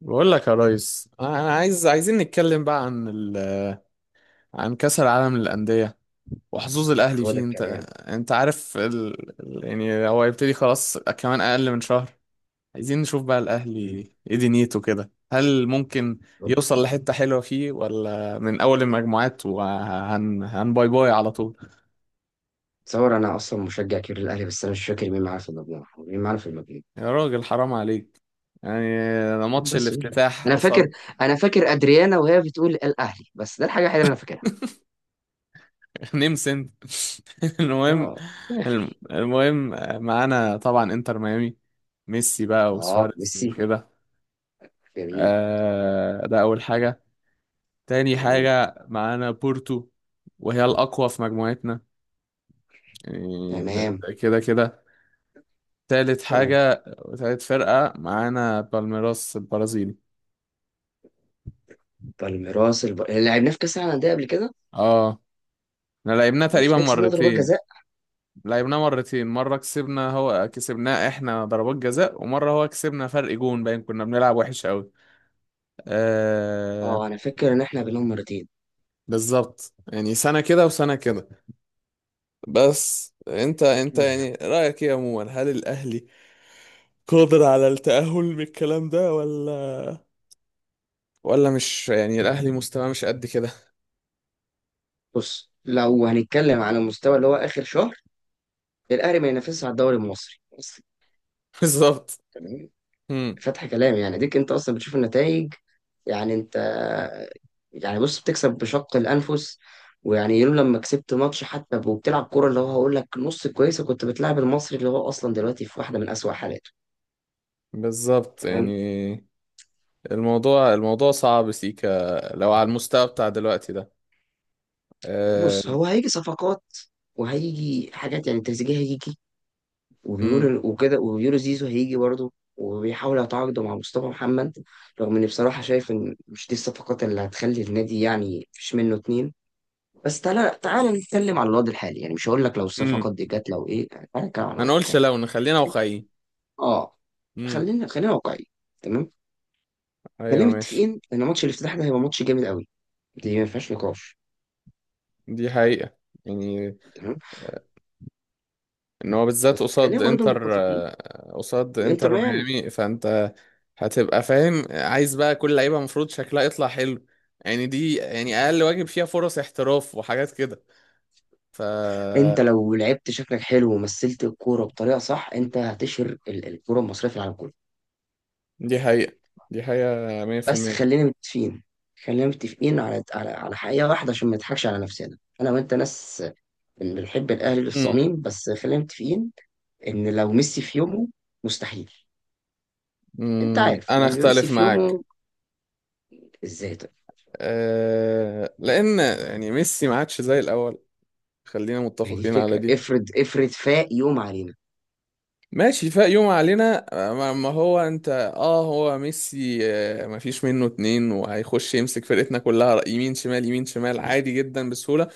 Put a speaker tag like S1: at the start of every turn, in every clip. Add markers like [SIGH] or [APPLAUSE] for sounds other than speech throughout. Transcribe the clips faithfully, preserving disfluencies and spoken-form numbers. S1: بقول لك يا ريس، انا عايز عايزين نتكلم بقى عن ال... عن كأس العالم للأندية وحظوظ الأهلي
S2: هو ده
S1: فيه. انت
S2: الكلام.
S1: انت عارف ال... ال- يعني هو هيبتدي خلاص، كمان أقل من شهر. عايزين نشوف بقى الأهلي
S2: مم.
S1: ايه دنيته كده، هل ممكن يوصل لحتة حلوة فيه، ولا من أول المجموعات وهن هن باي باي على طول؟
S2: تصور انا اصلا مشجع كبير للاهلي، بس انا مش فاكر مين معانا في المجموعه، مين معانا في المجموعه
S1: يا راجل حرام عليك، يعني ده
S2: مين
S1: ماتش
S2: بس قول لي.
S1: الافتتاح
S2: انا فاكر
S1: قصاد
S2: انا فاكر ادريانا وهي بتقول الاهلي، بس ده الحاجه الوحيده اللي انا فاكرها.
S1: نيم سنت. [LAUGHS] المهم،
S2: اه.
S1: الم- المهم معانا طبعا انتر ميامي، ميسي بقى
S2: اه
S1: وسواريز
S2: ميسي،
S1: وكده.
S2: جميل.
S1: آه، ده اول حاجة. تاني
S2: جميل.
S1: حاجة معانا بورتو، وهي الأقوى في مجموعتنا، يعني ده
S2: تمام.
S1: ده كده كده. تالت
S2: تمام.
S1: حاجة وتالت فرقة معانا بالميراس البرازيلي.
S2: بالميراس الب... لعبناه في كاس العالم للانديه قبل كده.
S1: اه، احنا لعبناه
S2: مش
S1: تقريبا
S2: ده كسبنا ضربات
S1: مرتين.
S2: جزاء؟
S1: لعبناه مرتين، مرة كسبنا، هو كسبناه احنا ضربات جزاء، ومرة هو كسبنا فرق جون باين، كنا بنلعب وحش قوي. آه،
S2: اه انا فاكر ان احنا بنهم مرتين.
S1: بالظبط يعني سنة كده وسنة كده. بس انت انت
S2: الحمد لله.
S1: يعني رأيك ايه عموما؟ هل الأهلي قادر على التأهل من الكلام ده، ولا ولا مش يعني الأهلي مستواه مش قد كده؟
S2: بص، لو هنتكلم على المستوى اللي هو اخر شهر، الاهلي ما ينافسش على الدوري المصري بس.
S1: [LAUGHS] بالظبط.
S2: تمام.
S1: مم.
S2: فتح كلام يعني، ديك انت اصلا بتشوف النتائج. يعني انت يعني بص، بتكسب بشق الانفس. ويعني يوم لما كسبت ماتش حتى وبتلعب كوره اللي هو هقول لك نص كويسه، كنت بتلعب المصري اللي هو اصلا دلوقتي في واحده من اسوأ حالاته.
S1: بالظبط
S2: تمام.
S1: يعني الموضوع الموضوع صعب سيكا، لو على المستوى بتاع دلوقتي ده. آه.
S2: بص هو هيجي صفقات، وهيجي حاجات، يعني تريزيجيه هيجي
S1: مم.
S2: وبيقولوا وكده، وبيقولوا زيزو هيجي برضه، وبيحاولوا يتعاقدوا مع مصطفى محمد. رغم اني بصراحه شايف ان مش دي الصفقات اللي هتخلي النادي يعني مفيش منه اتنين. بس تعالى تعالى نتكلم على الوضع الحالي، يعني مش هقول لك لو
S1: مم.
S2: الصفقات دي كانت لو ايه، يعني تعالى نتكلم على
S1: ما
S2: الوضع
S1: نقولش
S2: الحالي.
S1: لو، نخلينا واقعيين.
S2: اه.
S1: مم.
S2: خلينا خلينا واقعيين. تمام. خلينا
S1: ايوه ماشي.
S2: متفقين ان ماتش الافتتاح ده هيبقى ماتش جامد قوي، دي ما فيهاش نقاش.
S1: دي حقيقة، يعني
S2: تمام.
S1: ان هو بالذات
S2: بس
S1: قصاد
S2: خلينا برضو
S1: انتر
S2: متفقين،
S1: آه، قصاد
S2: انتر
S1: انتر
S2: ميامي.
S1: ميامي، فانت هتبقى فاهم. عايز بقى كل لعيبه المفروض شكلها يطلع حلو، يعني دي يعني اقل واجب، فيها فرص احتراف وحاجات كده. ف
S2: انت لو لعبت شكلك حلو ومثلت الكوره بطريقه صح، انت هتشهر ال- الكوره المصريه في العالم كله.
S1: دي حقيقة. دي حقيقة
S2: بس
S1: مية في المية.
S2: خلينا متفقين. خلينا متفقين على على على حقيقه واحده، عشان ما نضحكش على نفسنا. انا وانت ناس بنحب الاهلي
S1: امم.
S2: للصميم، بس خلينا متفقين ان لو ميسي في يومه، مستحيل. انت
S1: أمم،
S2: عارف
S1: انا
S2: لما يبقى ميسي
S1: اختلف
S2: في
S1: معاك.
S2: يومه ازاي؟ طيب
S1: أه... لان يعني ميسي ما عادش زي الاول. خلينا
S2: ما هي دي
S1: متفقين على
S2: الفكره،
S1: دي.
S2: افرض افرض فاق يوم علينا.
S1: ماشي، فاق يوم علينا. ما ما هو انت اه، هو ميسي آه، ما فيش منه اتنين، وهيخش يمسك فرقتنا كلها، رأي- يمين شمال يمين شمال، عادي جدا بسهولة.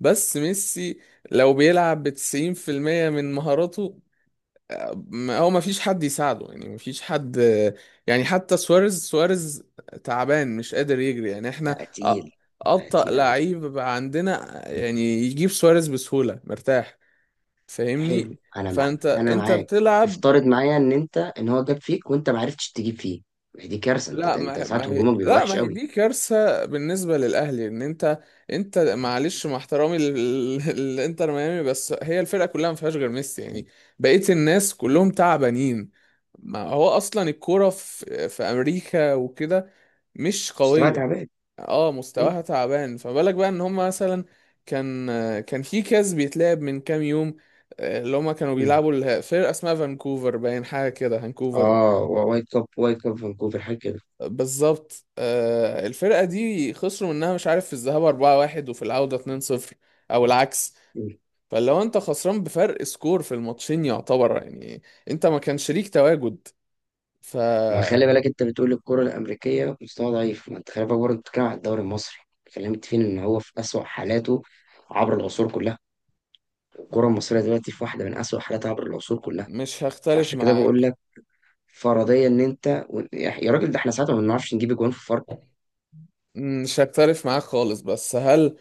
S1: بس ميسي لو بيلعب بتسعين في المية من مهاراته، آه، ما- هو ما فيش حد يساعده، يعني ما فيش حد آه، يعني حتى سواريز سواريز تعبان مش قادر يجري، يعني احنا
S2: بقى
S1: أ-
S2: تقيل. بقى
S1: أبطأ
S2: تقيل قوي.
S1: لعيب بقى عندنا آه، يعني يجيب سواريز بسهولة مرتاح،
S2: حلو
S1: فاهمني؟
S2: انا مع
S1: فانت
S2: انا
S1: انت
S2: معاك.
S1: بتلعب.
S2: افترض معايا ان انت ان هو جاب فيك وانت ما عرفتش تجيب فيه، ما هي دي كارثه.
S1: لا
S2: انت
S1: ما
S2: انت
S1: هي ما
S2: ساعات
S1: هي
S2: هجومك بيبقى
S1: لا
S2: وحش
S1: ما هي
S2: قوي.
S1: دي كارثة بالنسبة للأهلي إن أنت. أنت معلش، مع احترامي للإنتر [LAUGHS] ميامي، بس هي الفرقة كلها ما فيهاش غير ميسي يعني، بقية الناس كلهم تعبانين. ما هو أصلا الكورة في في أمريكا وكده مش
S2: مستوى
S1: قوية.
S2: تعبان.
S1: اه،
S2: م-
S1: مستواها تعبان، فما بالك بقى إن هما مثلا كان، كان في كاس بيتلعب من كام يوم. آه، اللي هما كانوا
S2: م.
S1: بيلعبوا الفرقة اسمها فانكوفر باين حاجة كده، فانكوفر.
S2: اه و- وايت كاب، وايت كاب فانكوفر حاجه كده.
S1: بالظبط آه، الفرقة دي خسروا منها، مش عارف في الذهاب اربعة واحد وفي العودة اتنين صفر، او العكس. فلو انت خسران بفرق سكور في الماتشين يعتبر يعني انت ما كان شريك تواجد،
S2: ما
S1: فمش
S2: خلي بالك انت بتقول الكرة الأمريكية في مستوى ضعيف، ما انت خلي بالك برضه بتتكلم على الدوري المصري. كلمت فين ان هو في أسوأ حالاته عبر العصور كلها؟ الكرة المصرية دلوقتي في واحدة من أسوأ حالاتها عبر العصور كلها.
S1: هختلف
S2: فعشان كده بقول
S1: معاك.
S2: لك، فرضيا ان انت و- يا يا راجل، ده احنا ساعتها ما بنعرفش نجيب اجوان في فاركو.
S1: مش هختلف معاك خالص، بس هل،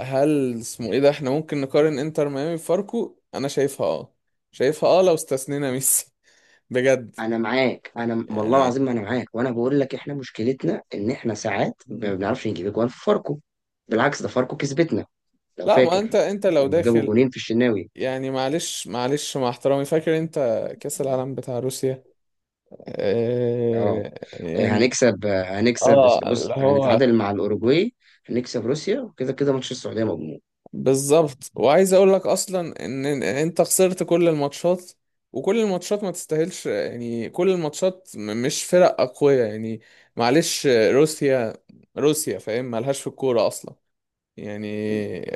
S1: هل اسمه ايه ده احنا ممكن نقارن انتر ميامي بفاركو؟ انا شايفها اه، شايفها اه لو استثنينا ميسي. [LAUGHS] بجد
S2: انا معاك، انا والله
S1: يعني.
S2: العظيم ما انا معاك، وانا بقول لك احنا مشكلتنا ان احنا ساعات
S1: مم.
S2: ما بنعرفش نجيب اجوان في فاركو. بالعكس ده فاركو كسبتنا، لو
S1: لا، ما انت
S2: فاكر،
S1: انت لو
S2: لما جابوا
S1: داخل،
S2: جونين في الشناوي.
S1: يعني معلش معلش مع احترامي، فاكر انت كأس العالم بتاع روسيا؟
S2: اه
S1: آه يعني
S2: هنكسب هنكسب،
S1: اه،
S2: بص
S1: اللي هو
S2: هنتعادل مع الأوروجواي، هنكسب روسيا، كده كده ماتش السعودية مضمون.
S1: بالظبط. وعايز اقول لك اصلا ان، إن انت خسرت كل الماتشات، وكل الماتشات ما تستاهلش، يعني كل الماتشات م- مش فرق اقوياء يعني. معلش روسيا، روسيا فاهم مالهاش في الكورة اصلا، يعني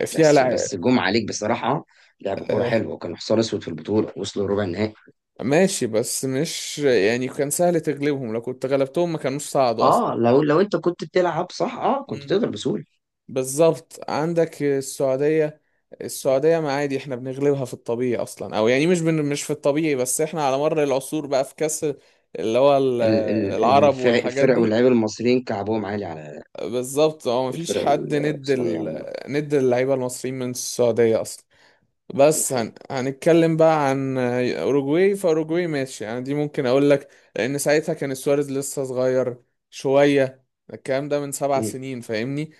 S1: فيها
S2: بس
S1: لع...
S2: بس جم عليك بصراحة، لعب كورة
S1: آه
S2: حلوة وكانوا حصان أسود في البطولة، وصلوا ربع النهائي.
S1: ماشي. بس مش يعني كان سهل تغلبهم، لو كنت غلبتهم ما كانوش صعدوا اصلا.
S2: اه لو لو انت كنت بتلعب صح، اه كنت تقدر بسهولة.
S1: بالظبط، عندك السعودية. السعودية ما عادي، احنا بنغلبها في الطبيعي اصلا، او يعني مش بن... مش في الطبيعي، بس احنا على مر العصور بقى في كاس، اللي هو ال-
S2: ال- ال-
S1: العرب
S2: الفرق
S1: والحاجات
S2: الفرق
S1: دي.
S2: واللعيبة المصريين كعبهم عالي على
S1: بالظبط، هو مفيش
S2: الفرق.
S1: حد ند
S2: السعودية
S1: ال...
S2: عموما
S1: ند اللعيبة المصريين من السعودية اصلا.
S2: دي
S1: بس هن...
S2: حقيقة.
S1: هنتكلم بقى عن اوروجواي. فاوروجواي ماشي يعني، دي ممكن اقول لك لان ساعتها كان سواريز لسه صغير شوية. الكلام ده من سبع
S2: مم.
S1: سنين فاهمني؟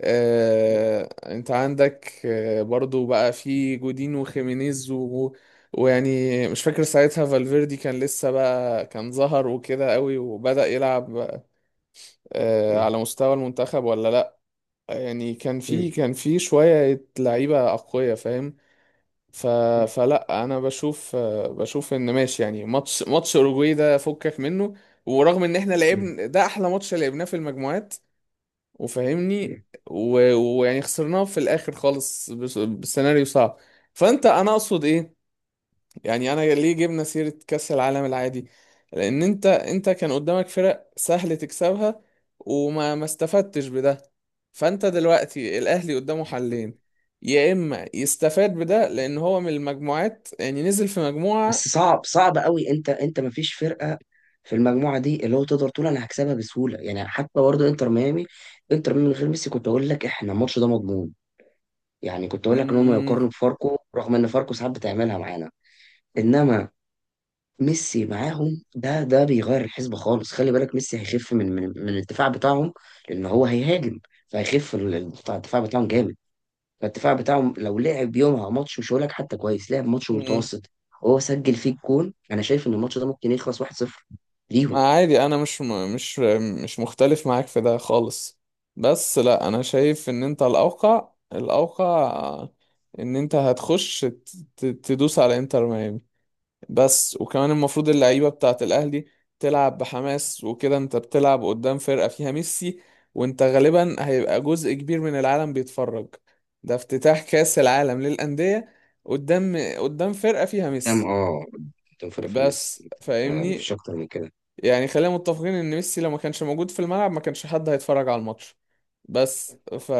S1: آه... انت عندك آه... برضو بقى في جودين وخيمينيز و... ويعني مش فاكر ساعتها فالفيردي كان لسه بقى، كان ظهر وكده قوي وبدأ يلعب آه...
S2: مم.
S1: على مستوى المنتخب ولا لا. يعني كان
S2: مم.
S1: في كان في شوية لعيبة أقوياء فاهم؟ ف...
S2: مم.
S1: فلا انا بشوف، بشوف ان ماشي يعني ماتش ماتش اوروجواي ده فكك منه، ورغم ان احنا
S2: مم.
S1: لعبنا ده احلى ماتش لعبناه في المجموعات وفاهمني،
S2: مم.
S1: و- ويعني خسرناه في الاخر خالص، بس- بسيناريو صعب. فانت، انا اقصد ايه؟ يعني انا ليه جبنا سيرة كأس العالم العادي؟ لان انت انت كان قدامك فرق سهل تكسبها وما ما استفدتش بده. فانت دلوقتي الاهلي قدامه حلين، يا اما يستفاد بده لان هو من المجموعات يعني نزل في
S2: بس
S1: مجموعة.
S2: صعب صعب قوي. انت انت ما فيش فرقه في المجموعه دي اللي هو تقدر تقول انا هكسبها بسهوله، يعني حتى برضه انتر ميامي، انتر ميامي من غير ميسي كنت اقول لك احنا الماتش ده مضمون. يعني كنت اقول لك ان هم
S1: مم.
S2: يقارنوا بفاركو، رغم ان فاركو ساعات بتعملها معانا. انما ميسي معاهم، ده ده بيغير الحسبه خالص. خلي بالك ميسي هيخف من من من الدفاع بتاعهم، لان هو هيهاجم. فهيخف ال- الدفاع بتاعهم جامد. فالدفاع بتاعهم لو لعب يومها ماتش مش هقول لك حتى كويس، لعب ماتش
S1: مم.
S2: متوسط وهو سجل فيه الجون. انا شايف ان الماتش ده ممكن يخلص واحد صفر ليهم.
S1: ما عادي، انا مش م- مش مش مختلف معاك في ده خالص. بس لا انا شايف ان انت الاوقع، الاوقع ان انت هتخش ت- ت- تدوس على انتر ميامي بس. وكمان المفروض اللعيبة بتاعت الأهلي تلعب بحماس وكده. انت بتلعب قدام فرقة فيها ميسي، وانت غالبا هيبقى جزء كبير من العالم بيتفرج، ده افتتاح كأس العالم للأندية، قدام قدام فرقة فيها
S2: تمام.
S1: ميسي،
S2: اه قدام فيلافينيوس،
S1: بس
S2: آه، مفيش
S1: فاهمني.
S2: اكتر من كده.
S1: يعني خلينا متفقين ان ميسي لو ما كانش موجود في الملعب، ما كانش حد هيتفرج على الماتش بس. ف...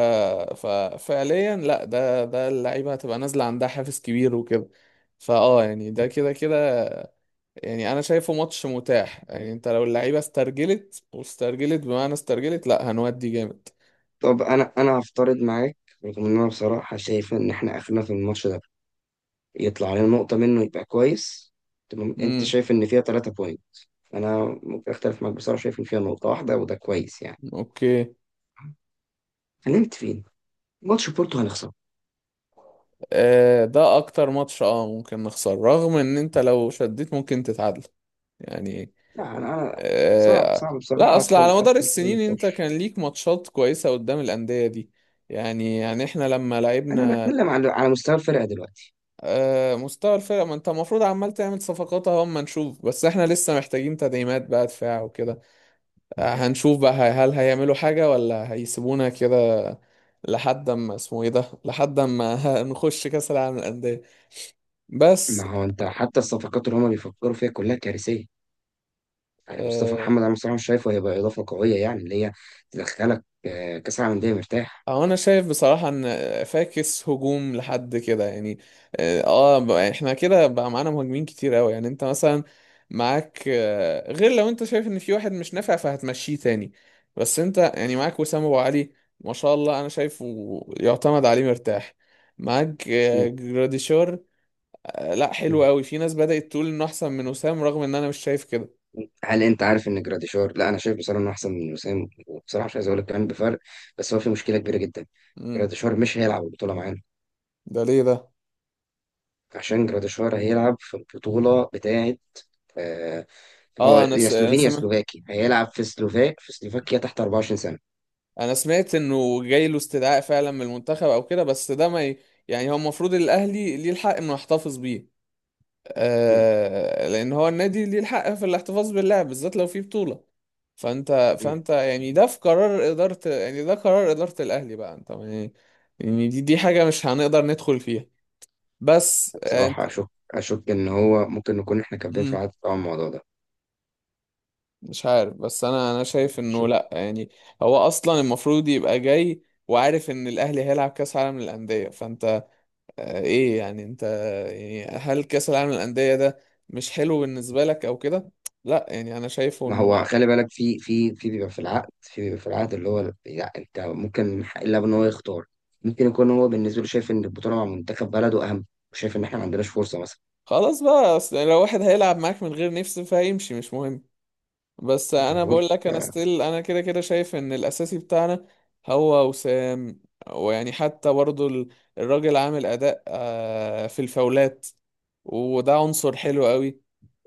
S1: ف... فعليا لا، ده ده اللعيبة هتبقى نازلة عندها حافز كبير وكده، فاه يعني ده كده كده. يعني انا شايفه ماتش متاح، يعني انت لو اللعيبه استرجلت واسترجلت بمعنى استرجلت، لا هنودي جامد.
S2: طب انا انا هفترض
S1: مم.
S2: معاك، رغم ان انا بصراحه شايف ان احنا اخرنا في الماتش ده، يطلع علينا نقطه منه يبقى كويس. تمام. انت
S1: امم.
S2: شايف ان فيها ثلاثة بوينت، انا ممكن اختلف معاك، بصراحه شايف ان فيها نقطه واحده وده كويس يعني.
S1: اوكي.
S2: هنمت فين؟ ماتش بورتو هنخسر.
S1: آه ده اكتر ماتش اه ممكن نخسر، رغم ان انت لو شديت ممكن تتعادل يعني.
S2: لا انا أنا صعب
S1: آه.
S2: صعب
S1: لا
S2: بصراحه
S1: اصل
S2: ادخل
S1: على مدار
S2: ادخل في اي
S1: السنين، انت
S2: نقاش.
S1: كان ليك ماتشات كويسة قدام الأندية دي، يعني يعني احنا لما
S2: انا
S1: لعبنا.
S2: بتكلم على على مستوى الفرقه دلوقتي.
S1: آه، مستوى الفرق، ما انت المفروض عمال تعمل صفقات اهو اما نشوف، بس احنا لسه محتاجين تدعيمات بقى، دفاع وكده. هنشوف بقى هي- هل هيعملوا حاجة ولا هيسيبونا كده، لحد ما اسمه ايه ده، لحد ما [LAUGHS] نخش كأس العالم للأندية
S2: ما
S1: بس.
S2: هو انت حتى الصفقات اللي هما بيفكروا فيها كلها كارثيه، يعني مصطفى
S1: آه
S2: محمد انا بصراحه مش شايفه هيبقى اضافه قويه، يعني اللي هي تدخلك آه، كاس العالم للانديه مرتاح.
S1: أو انا شايف بصراحة ان فاكس هجوم لحد كده يعني. اه آه، بقى احنا كده بقى معانا مهاجمين كتير قوي، يعني انت مثلا معاك آه، غير لو انت شايف ان في واحد مش نافع فهتمشيه تاني. بس انت يعني معاك وسام ابو علي، ما شاء الله، انا شايفه يعتمد عليه مرتاح. معاك
S2: م-
S1: آه، جراديشار آه، لا،
S2: م.
S1: حلو قوي. في ناس بدأت تقول انه احسن من وسام، رغم ان انا مش شايف كده.
S2: هل انت عارف ان جراديشار؟ لا انا شايف بصراحه انه احسن من وسام، وبصراحه مش عايز اقول لك كمان بفرق، بس هو في مشكله كبيره جدا.
S1: امم.
S2: جراديشار مش هيلعب البطوله معانا،
S1: ده ليه ده؟
S2: عشان جراديشار هيلعب في البطوله بتاعه، آه، هو
S1: اه انا
S2: يا
S1: س... انا
S2: سلوفيني يا
S1: سمعت،
S2: سلوفاكي هيلعب في سلوفاك في سلوفاكيا تحت اربعه وعشرين سنة.
S1: انا سمعت انه جاي له استدعاء فعلا من المنتخب او كده، بس ده ما ي... يعني هو المفروض الاهلي ليه الحق انه يحتفظ بيه،
S2: مم.
S1: آه... لان هو النادي ليه الحق في الاحتفاظ باللاعب بالذات لو في بطولة. فانت
S2: مم.
S1: فانت يعني ده في قرار إدارة، يعني ده قرار إدارة الاهلي بقى انت يعني. يعني دي دي حاجة مش هنقدر ندخل فيها بس آه،
S2: بصراحة أشك. أشك إن هو ممكن نكون إحنا كاتبين في
S1: انت
S2: العقد طبعا الموضوع ده.
S1: مش عارف. بس انا انا شايف انه
S2: أشك.
S1: لا يعني هو اصلا المفروض يبقى جاي وعارف ان الاهلي هيلعب كاس عالم للانديه، فانت آه، ايه يعني انت، يعني هل كاس العالم للانديه ده مش حلو بالنسبه لك او كده؟ لا يعني انا شايفه
S2: ما
S1: انه
S2: هو خلي بالك في في في بيبقى في العقد، في بيبقى في العقد اللي هو لا، أنت ممكن من حق اللاعب إن هو يختار، ممكن يكون هو بالنسبة له شايف إن البطولة مع منتخب بلده أهم، وشايف إن إحنا ما عندناش فرصة مثلا.
S1: خلاص بقى، اصل لو واحد هيلعب معاك من غير نفس فهيمشي مش مهم. بس
S2: يعني
S1: انا
S2: بقول
S1: بقول لك، انا
S2: آه،
S1: ستيل انا كده كده شايف ان الاساسي بتاعنا هو وسام. ويعني حتى برضو ال- الراجل عامل اداء آه، في الفاولات، وده عنصر حلو قوي،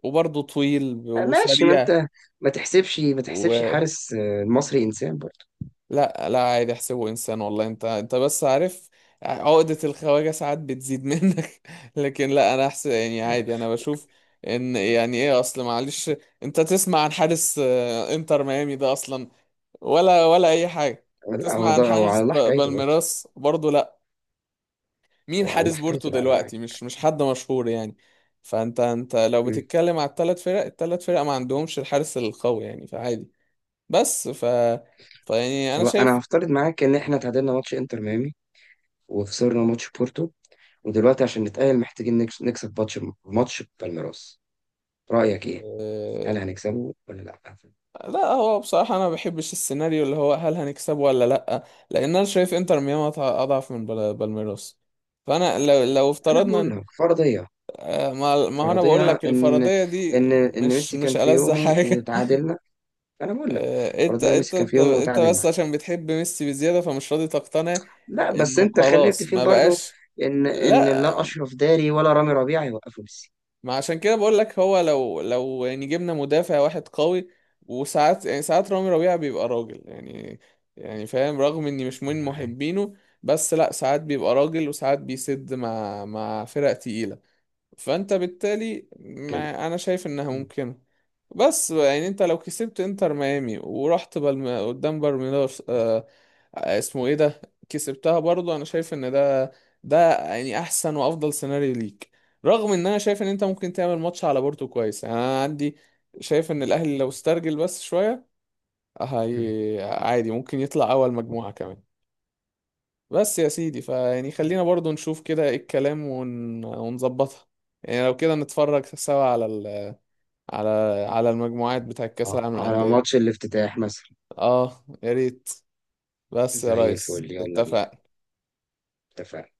S1: وبرضو طويل
S2: ماشي. ما
S1: وسريع.
S2: أنت ما تحسبش ما تحسبش
S1: ولا.
S2: حارس آه، المصري إنسان برضه.
S1: لا لا، عادي احسبه انسان، والله انت انت بس عارف، عقدة الخواجة ساعات بتزيد [LAUGHS] منك. لكن لا، انا احسن يعني عادي، انا
S2: عارف.
S1: بشوف ان يعني ايه اصل معلش. انت تسمع عن حارس آه، انتر ميامي ده اصلا ولا ولا اي حاجه؟
S2: لا
S1: تسمع
S2: هو ده
S1: عن
S2: هو على
S1: حارس
S2: الله
S1: ب-
S2: حكايته برضه.
S1: بالميراس برضه؟ لا. مين
S2: هو على الله
S1: حارس بورتو
S2: حكايته العالم.
S1: دلوقتي؟ مش مش حد مشهور يعني. فانت انت لو
S2: مم.
S1: بتتكلم على الثلاث فرق الثلاث فرق، ما عندهمش الحارس القوي يعني، فعادي. بس ف فيعني انا
S2: خلاص انا
S1: شايف
S2: هفترض معاك ان احنا تعادلنا ماتش انتر ميامي وخسرنا ماتش بورتو، ودلوقتي عشان نتأهل محتاجين نكس- نكسب ماتش، ماتش بالميراس. رأيك ايه؟
S1: آه،
S2: هل هنكسبه ولا لا؟
S1: لا، هو بصراحة أنا ما بحبش السيناريو اللي هو هل هنكسبه ولا لأ. لأن أنا شايف إنتر ميامي أضع- أضعف من بال- بالميراس. فأنا لو لو
S2: انا
S1: افترضنا
S2: بقول
S1: إن-
S2: لك فرضية،
S1: آه، ما ما هو أنا بقول
S2: فرضية
S1: لك
S2: ان
S1: الفرضية دي،
S2: ان ان
S1: مش
S2: ميسي كان
S1: مش
S2: في
S1: ألذ [LAUGHS]
S2: يومه
S1: حاجة.
S2: وتعادلنا. انا بقول لك
S1: آه، انت
S2: فرضية
S1: انت
S2: ميسي كان في
S1: انت
S2: يومه
S1: انت
S2: وتعادل
S1: بس
S2: معانا.
S1: عشان بتحب ميسي بزيادة فمش راضي تقتنع
S2: لا بس
S1: انه
S2: انت خلينا
S1: خلاص
S2: متفقين
S1: ما
S2: برضو
S1: بقاش.
S2: ان ان لا
S1: لا،
S2: اشرف داري ولا رامي ربيعة يوقفوا ميسي.
S1: ما عشان كده بقول لك، هو لو لو يعني جبنا مدافع واحد قوي، وساعات يعني ساعات رامي ربيعة بيبقى راجل يعني، يعني فاهم، رغم اني مش من
S2: معاك.
S1: محبينه. بس لا، ساعات بيبقى راجل، وساعات بيسد مع مع فرق تقيلة. فانت بالتالي
S2: كمل.
S1: ما انا شايف انها
S2: مم.
S1: ممكنه. بس يعني انت لو كسبت انتر ميامي ورحت بالم... قدام بالميراس آه... آه، اسمه ايه ده، كسبتها برضو. انا شايف ان ده ده يعني احسن وافضل سيناريو ليك، رغم ان انا شايف ان انت ممكن تعمل ماتش على بورتو كويس يعني. انا عندي شايف ان الاهلي لو استرجل بس شوية،
S2: مم.
S1: هي عادي ممكن يطلع اول مجموعة كمان. بس يا سيدي فيعني خلينا برضو نشوف كده ايه الكلام ون... ونظبطها. يعني لو كده نتفرج سوا على ال... على على المجموعات بتاع كأس
S2: آه،
S1: العالم
S2: على
S1: للأندية دي.
S2: ماتش الافتتاح مثلا.
S1: اه يا ريت، بس يا
S2: زي
S1: ريس
S2: الفل، يلا بينا.
S1: اتفق
S2: اتفقنا.